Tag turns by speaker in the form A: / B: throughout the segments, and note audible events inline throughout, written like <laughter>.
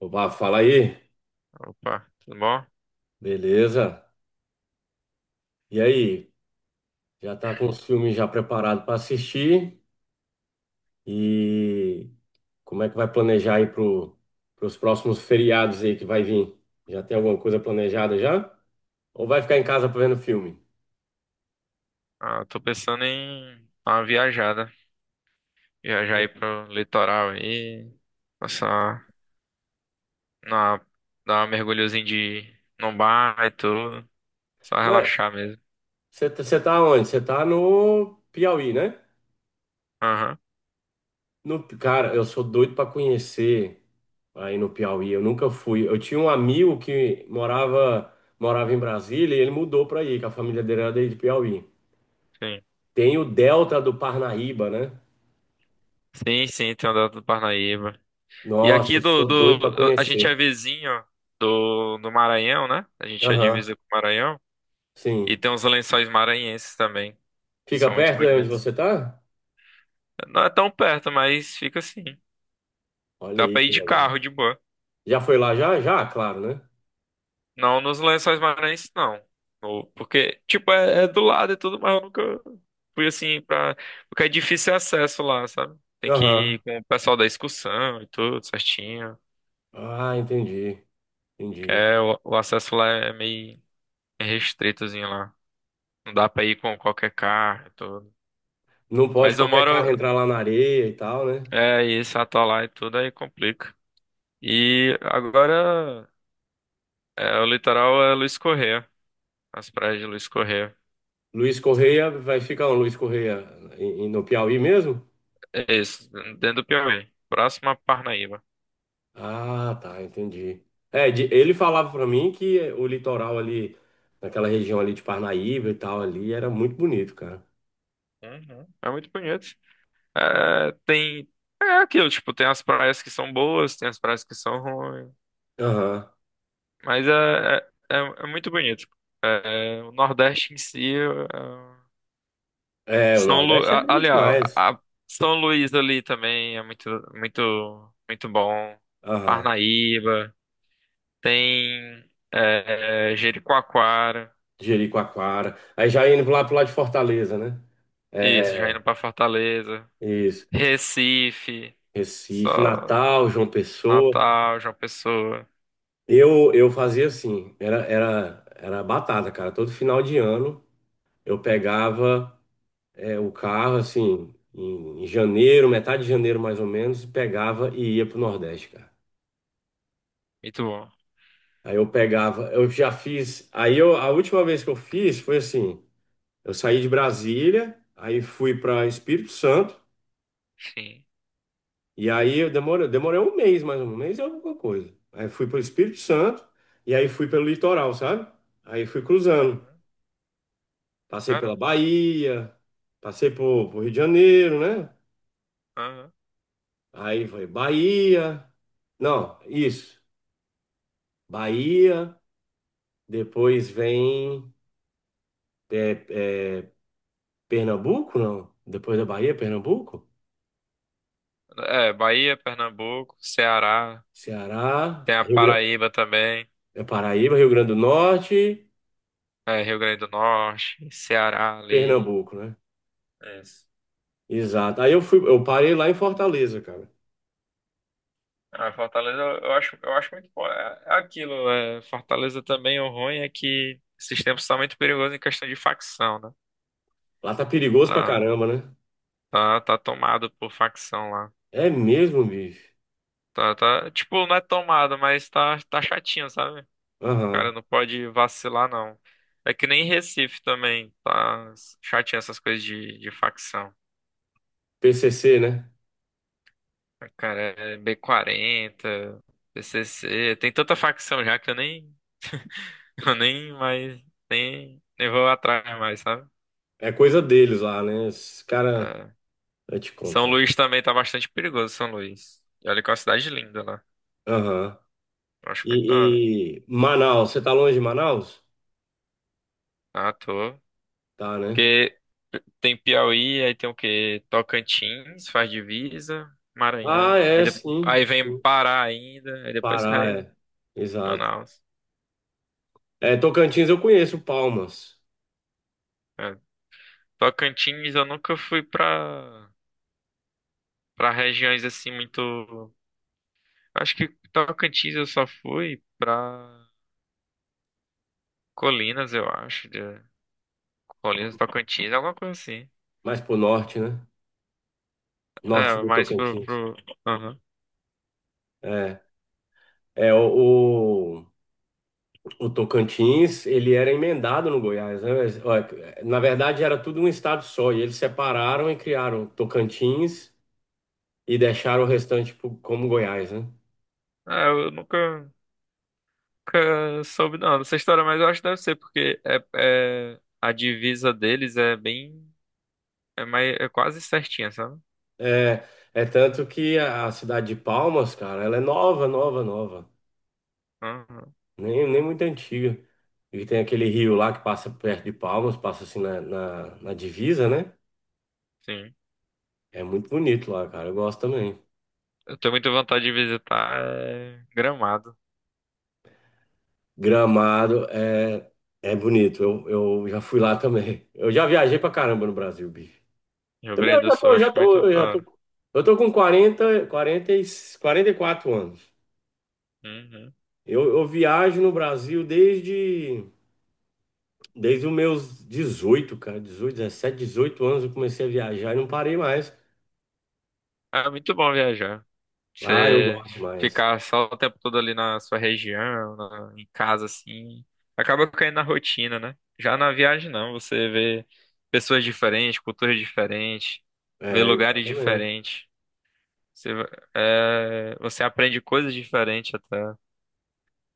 A: Opa, fala aí.
B: Opa, tudo bom?
A: Beleza? E aí? Já tá com os filmes já preparados para assistir? E como é que vai planejar aí pros próximos feriados aí que vai vir? Já tem alguma coisa planejada já? Ou vai ficar em casa vendo filme?
B: Ah, tô pensando em dar uma viajada. Viajar aí pro litoral aí, passar na, dar uma mergulhozinha de num bar e tudo. Só
A: Mas
B: relaxar mesmo.
A: você tá onde? Você tá no Piauí, né?
B: Aham,
A: No, cara, eu sou doido para conhecer aí no Piauí. Eu nunca fui. Eu tinha um amigo que morava em Brasília e ele mudou para aí, que a família dele era daí de Piauí.
B: sim.
A: Tem o Delta do Parnaíba, né?
B: Sim, sim, tem andado do Parnaíba. E
A: Nossa,
B: aqui
A: eu
B: do,
A: sou doido para
B: do. A gente é
A: conhecer.
B: vizinho do Maranhão, né? A gente é
A: Aham,
B: divisa com o Maranhão. E
A: sim.
B: tem uns lençóis maranhenses também, que
A: Fica
B: são muito
A: perto de onde
B: bonitos.
A: você tá?
B: Não é tão perto, mas fica assim.
A: Olha
B: Dá
A: aí
B: pra ir
A: que
B: de
A: legal.
B: carro de boa.
A: Já foi lá já? Já, claro, né?
B: Não nos Lençóis Maranhenses, não. Porque, tipo, é do lado e tudo, mas eu nunca fui assim pra. Porque é difícil acesso lá, sabe? Tem que
A: Aham.
B: ir com o pessoal da excursão e tudo, certinho.
A: Ah, entendi.
B: Que
A: Entendi.
B: é, o acesso lá é meio restritozinho lá. Não dá pra ir com qualquer carro e tudo.
A: Não pode
B: Mas eu
A: qualquer carro
B: moro.
A: entrar lá na areia e tal, né?
B: É isso, atolar e tudo, aí complica. E agora é, o litoral é Luiz Correia. As praias de Luiz Correia.
A: Luiz Correia vai ficar onde? Luiz Correia no Piauí mesmo?
B: É isso, dentro do Piauí. Próximo a Parnaíba.
A: Ah, tá, entendi. É, ele falava para mim que o litoral ali, naquela região ali de Parnaíba e tal, ali, era muito bonito, cara.
B: Uhum. É muito bonito. É, tem. É aquilo, tipo, tem as praias que são boas, tem as praias que são ruins.
A: Aham.
B: Mas é muito bonito. É, o Nordeste em si. É,
A: É, o
B: São Lu...
A: Nordeste é
B: a-
A: lindo
B: Aliás,
A: demais.
B: a- São Luís ali também é muito bom.
A: Aham.
B: Parnaíba. Tem. Jericoacoara.
A: Jericoacoara. Aí já indo lá pro lado de Fortaleza, né? É,
B: Isso, já
A: é,
B: indo pra Fortaleza.
A: isso.
B: Recife. Só
A: Recife, Natal, João Pessoa.
B: Natal, João Pessoa.
A: Eu fazia assim, era batata, cara. Todo final de ano eu pegava o carro, assim, em janeiro, metade de janeiro mais ou menos, e pegava e ia pro Nordeste, cara.
B: Muito bom.
A: Aí eu pegava, eu já fiz. Aí eu, a última vez que eu fiz foi assim. Eu saí de Brasília, aí fui para Espírito Santo,
B: Sim.
A: e aí eu demorei um mês, mais ou menos, um mês e alguma coisa. Aí fui para o Espírito Santo, e aí fui pelo litoral, sabe? Aí fui cruzando.
B: Uhum.
A: Passei pela
B: Caramba.
A: Bahia, passei por Rio de Janeiro, né?
B: Aham.
A: Aí foi Bahia. Não, isso. Bahia, depois vem é, é, Pernambuco, não? Depois da Bahia, Pernambuco?
B: É, Bahia, Pernambuco, Ceará,
A: Ceará,
B: tem a
A: Rio Grande,
B: Paraíba também,
A: Paraíba, Rio Grande do Norte.
B: é, Rio Grande do Norte, Ceará ali.
A: Pernambuco, né?
B: Isso.
A: Exato. Aí eu fui, eu parei lá em Fortaleza, cara.
B: A Fortaleza, eu acho muito bom. É aquilo, é, Fortaleza também, o ruim é que esses tempos estão muito perigosos em questão de facção, né?
A: Lá tá perigoso pra
B: Tá,
A: caramba, né?
B: tá, tomado por facção lá.
A: É mesmo, bicho.
B: Tá, tipo, não é tomado, mas tá chatinho, sabe? Cara,
A: Aham.
B: não pode vacilar, não. É que nem Recife também, tá chatinho essas coisas de facção.
A: PCC, né?
B: Ah, cara, é B40, PCC, tem tanta facção já que eu nem, <laughs> eu nem mais, nem, nem vou atrás mais, sabe?
A: É coisa deles lá, né? Os cara,
B: É.
A: eu te
B: São
A: contar.
B: Luís também tá bastante perigoso, São Luís. E olha que é uma cidade linda lá.
A: Aham.
B: Eu acho muito da hora.
A: E Manaus, você tá longe de Manaus?
B: Ah, tô.
A: Tá, né?
B: Porque tem Piauí, aí tem o quê? Tocantins, faz divisa,
A: Ah,
B: Maranhão,
A: é, sim.
B: aí vem Pará ainda, aí depois
A: Pará,
B: cai
A: é. Exato.
B: Manaus.
A: É, Tocantins eu conheço Palmas,
B: É. Tocantins eu nunca fui pra regiões assim muito. Acho que Tocantins eu só fui pra Colinas, eu acho. De... Colinas, Tocantins, alguma coisa assim.
A: mais pro norte, né? Norte
B: É,
A: do
B: mais
A: Tocantins.
B: pro... Aham.
A: É, é o- O Tocantins, ele era emendado no Goiás, né? Mas, ó, na verdade, era tudo um estado só, e eles separaram e criaram Tocantins e deixaram o restante como Goiás, né?
B: É, eu nunca. Nunca soube não, dessa história, mas eu acho que deve ser, porque a divisa deles é bem. É, mais, é quase certinha, sabe?
A: É, é tanto que a cidade de Palmas, cara, ela é nova, nova, nova,
B: Uhum,
A: nem muito antiga. E tem aquele rio lá que passa perto de Palmas, passa assim na divisa, né?
B: sim.
A: É muito bonito lá, cara, eu gosto também.
B: Eu tenho muita vontade de visitar é, Gramado,
A: Gramado é bonito. Eu já fui lá também. Eu já viajei pra caramba no Brasil, bicho.
B: Rio
A: Também
B: Grande
A: eu
B: do
A: já
B: Sul,
A: tô,
B: acho
A: já
B: muito
A: tô, eu
B: da
A: já
B: hora.
A: tô. Eu tô com 44 anos.
B: Uhum.
A: Eu viajo no Brasil desde os meus 18 cara. 18 anos eu comecei a viajar e não parei mais.
B: É muito bom viajar.
A: Ah, eu, é,
B: Você
A: gosto demais.
B: ficar só o tempo todo ali na sua região, em casa, assim, acaba caindo na rotina, né? Já na viagem, não, você vê pessoas diferentes, culturas diferentes, vê
A: É,
B: lugares
A: exatamente.
B: diferentes. Você, va- você aprende coisas diferentes até.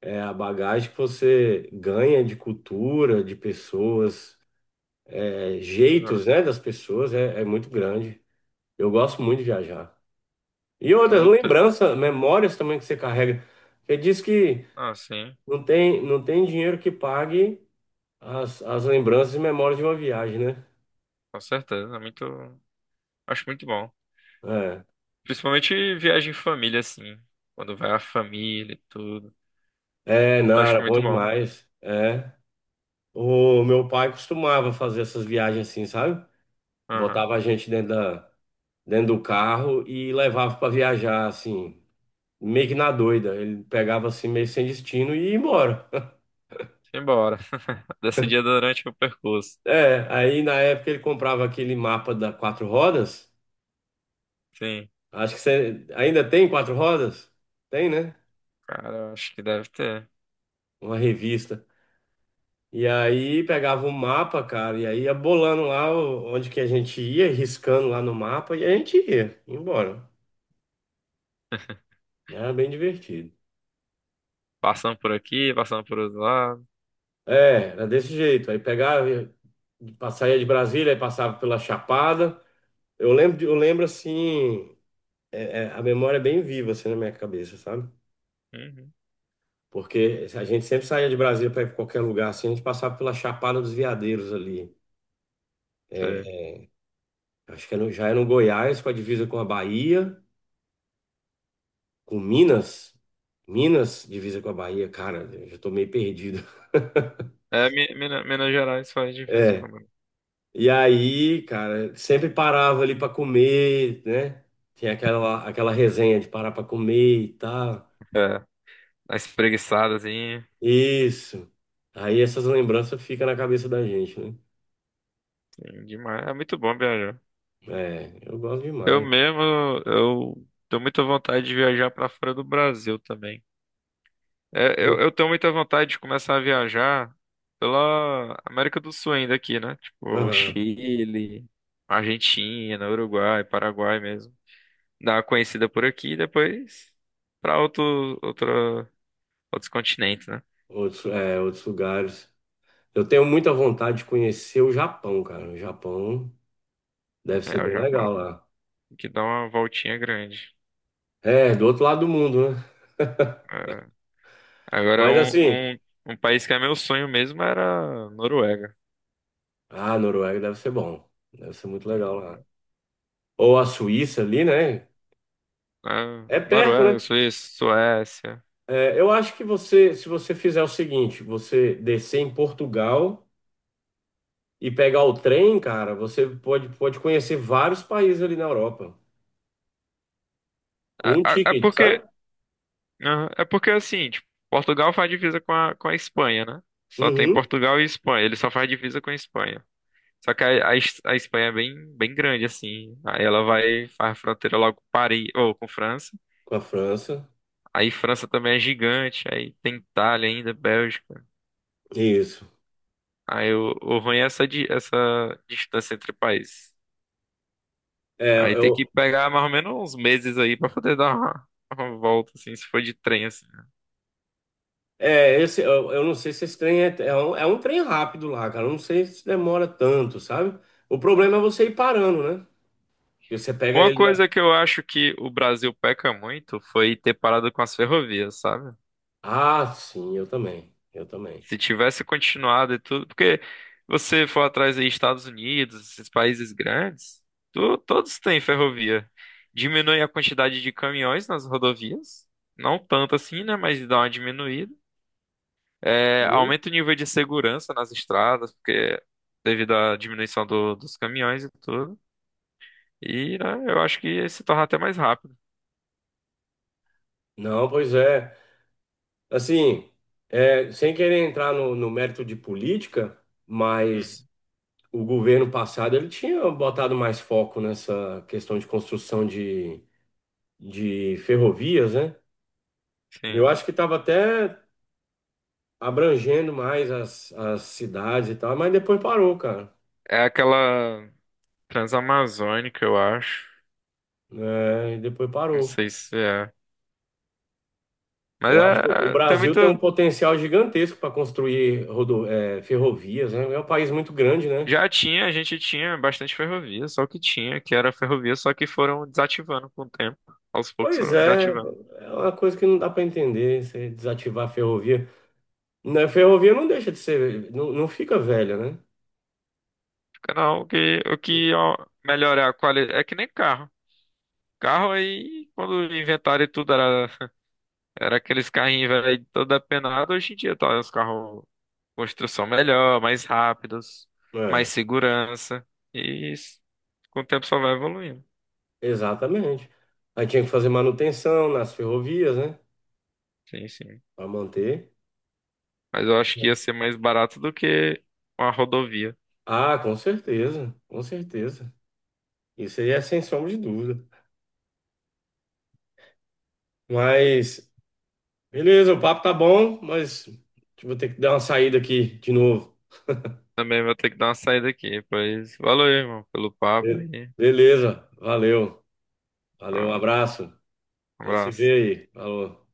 A: É a bagagem que você ganha de cultura, de pessoas, é,
B: Né?
A: jeitos, né, das pessoas é muito grande. Eu gosto muito de viajar. E
B: É
A: outras
B: outra,
A: lembranças, memórias também que você carrega. Você diz que
B: ah, sim,
A: não tem dinheiro que pague as lembranças e memórias de uma viagem, né?
B: com certeza. É muito, acho muito bom. Principalmente viagem em família, assim. Quando vai a família e tudo.
A: É, não,
B: Acho
A: era bom
B: muito bom.
A: demais. É. O meu pai costumava fazer essas viagens assim, sabe?
B: Aham.
A: Botava a gente dentro do carro e levava para viajar, assim, meio que na doida. Ele pegava assim, meio sem destino e ia embora.
B: Simbora. <laughs> Decidia durante o percurso.
A: É, aí na época ele comprava aquele mapa da Quatro Rodas.
B: Sim.
A: Acho que você ainda tem Quatro Rodas? Tem, né?
B: Cara, eu acho que deve ter.
A: Uma revista. E aí pegava um mapa, cara, e aí ia bolando lá onde que a gente ia, riscando lá no mapa, e a gente ia embora. Né? Era bem divertido.
B: Passando por aqui, passando por outro lado.
A: É, era desse jeito. Aí pegava, saía de Brasília, aí passava pela Chapada. Eu lembro assim, a memória é bem viva assim na minha cabeça, sabe?
B: Uhum.
A: Porque a gente sempre saía de Brasília para ir para qualquer lugar, assim, a gente passava pela Chapada dos Veadeiros ali.
B: Sim.
A: É, acho que já é no Goiás, com a divisa com a Bahia, com Minas. Minas, divisa com a Bahia, cara, eu já tô meio perdido. <laughs>
B: É, Minas Gerais faz difícil
A: É.
B: comigo.
A: E aí, cara, sempre parava ali pra comer, né? Tinha aquela resenha de parar pra comer e tal.
B: É. As espreguiçadas, assim.
A: Isso. Aí essas lembranças ficam na cabeça da gente, né?
B: Sim, demais. É muito bom viajar.
A: É, eu gosto
B: Eu
A: demais.
B: mesmo, eu tenho muita vontade de viajar para fora do Brasil também. Eu tenho muita vontade de começar a viajar pela América do Sul ainda aqui, né? Tipo,
A: Aham.
B: Chile, Argentina, Uruguai, Paraguai mesmo. Dar uma conhecida por aqui e depois para outros continentes, né?
A: Outros lugares. Eu tenho muita vontade de conhecer o Japão, cara. O Japão deve ser
B: É, o
A: bem
B: Japão,
A: legal lá.
B: que dá uma voltinha grande.
A: É, do outro lado do mundo, né?
B: É. Agora,
A: Mas assim,
B: um país que é meu sonho mesmo era a Noruega.
A: ah, Noruega deve ser bom. Deve ser muito legal lá. Ou a Suíça ali, né?
B: Né?
A: É perto,
B: Noruega,
A: né?
B: Suíça, Suécia.
A: É, eu acho que você, se você fizer o seguinte, você descer em Portugal e pegar o trem, cara, você pode conhecer vários países ali na Europa.
B: É,
A: Com um
B: é
A: ticket, sabe?
B: porque, aham, é porque assim, tipo, Portugal faz divisa com a Espanha, né? Só tem
A: Uhum.
B: Portugal e Espanha, ele só faz divisa com a Espanha. Só que a Espanha é bem grande, assim. Aí ela vai, faz fronteira logo com Paris, ou com França.
A: Com a França.
B: Aí França também é gigante, aí tem Itália ainda, Bélgica.
A: Isso.
B: Aí o ruim é essa distância entre países.
A: É,
B: Aí tem que
A: eu,
B: pegar mais ou menos uns meses aí pra poder dar uma volta, assim, se for de trem, assim.
A: eu não sei se esse trem é um trem rápido lá, cara. Eu não sei se demora tanto, sabe? O problema é você ir parando, né? E você pega
B: Uma
A: ele na.
B: coisa que eu acho que o Brasil peca muito foi ter parado com as ferrovias, sabe?
A: Ah, sim, eu também. Eu também.
B: Se tivesse continuado e tudo, porque você for atrás aí Estados Unidos, esses países grandes, todos têm ferrovia. Diminui a quantidade de caminhões nas rodovias, não tanto assim, né? Mas dá uma diminuída. É,
A: Hum?
B: aumenta o nível de segurança nas estradas, porque devido à diminuição dos caminhões e tudo. E, né, eu acho que se torna até mais rápido.
A: Não, pois é. Assim, é, sem querer entrar no mérito de política, mas
B: Uhum.
A: o governo passado ele tinha botado mais foco nessa questão de construção de ferrovias, né? Eu
B: Sim.
A: acho que estava até abrangendo mais as cidades e tal, mas depois parou, cara.
B: É aquela. Transamazônica, eu acho.
A: É, e depois
B: Não
A: parou.
B: sei se é. Mas
A: Eu acho que o
B: é, tem
A: Brasil tem um
B: muito.
A: potencial gigantesco para construir ferrovias, né? É um país muito grande, né?
B: Já tinha, a gente tinha bastante ferrovia, só que tinha, que era ferrovia, só que foram desativando com o tempo. Aos poucos
A: Pois
B: foram
A: é,
B: desativando.
A: é uma coisa que não dá para entender, você desativar a ferrovia. Né, a ferrovia não deixa de ser, não, não fica velha, né?
B: Fica, não, o que ó, melhorar a qualidade. É que nem carro. Carro aí, quando inventaram e tudo, era aqueles carrinhos velho, todo apenado. Hoje em dia tá os carros com construção melhor, mais rápidos, mais
A: É,
B: segurança. E isso, com o tempo só vai evoluindo.
A: exatamente. Aí tinha que fazer manutenção nas ferrovias, né?
B: Sim, sim.
A: Para manter.
B: Mas eu acho que ia ser mais barato do que uma rodovia.
A: Ah, com certeza, com certeza. Isso aí é sem sombra de dúvida. Mas, beleza, o papo tá bom, mas vou ter que dar uma saída aqui de novo.
B: Também vou ter que dar uma saída aqui, pois valeu, irmão, pelo papo
A: Be-
B: aí.
A: Beleza, valeu, valeu, um
B: Ah,
A: abraço.
B: um
A: A gente se
B: abraço.
A: vê aí. Falou.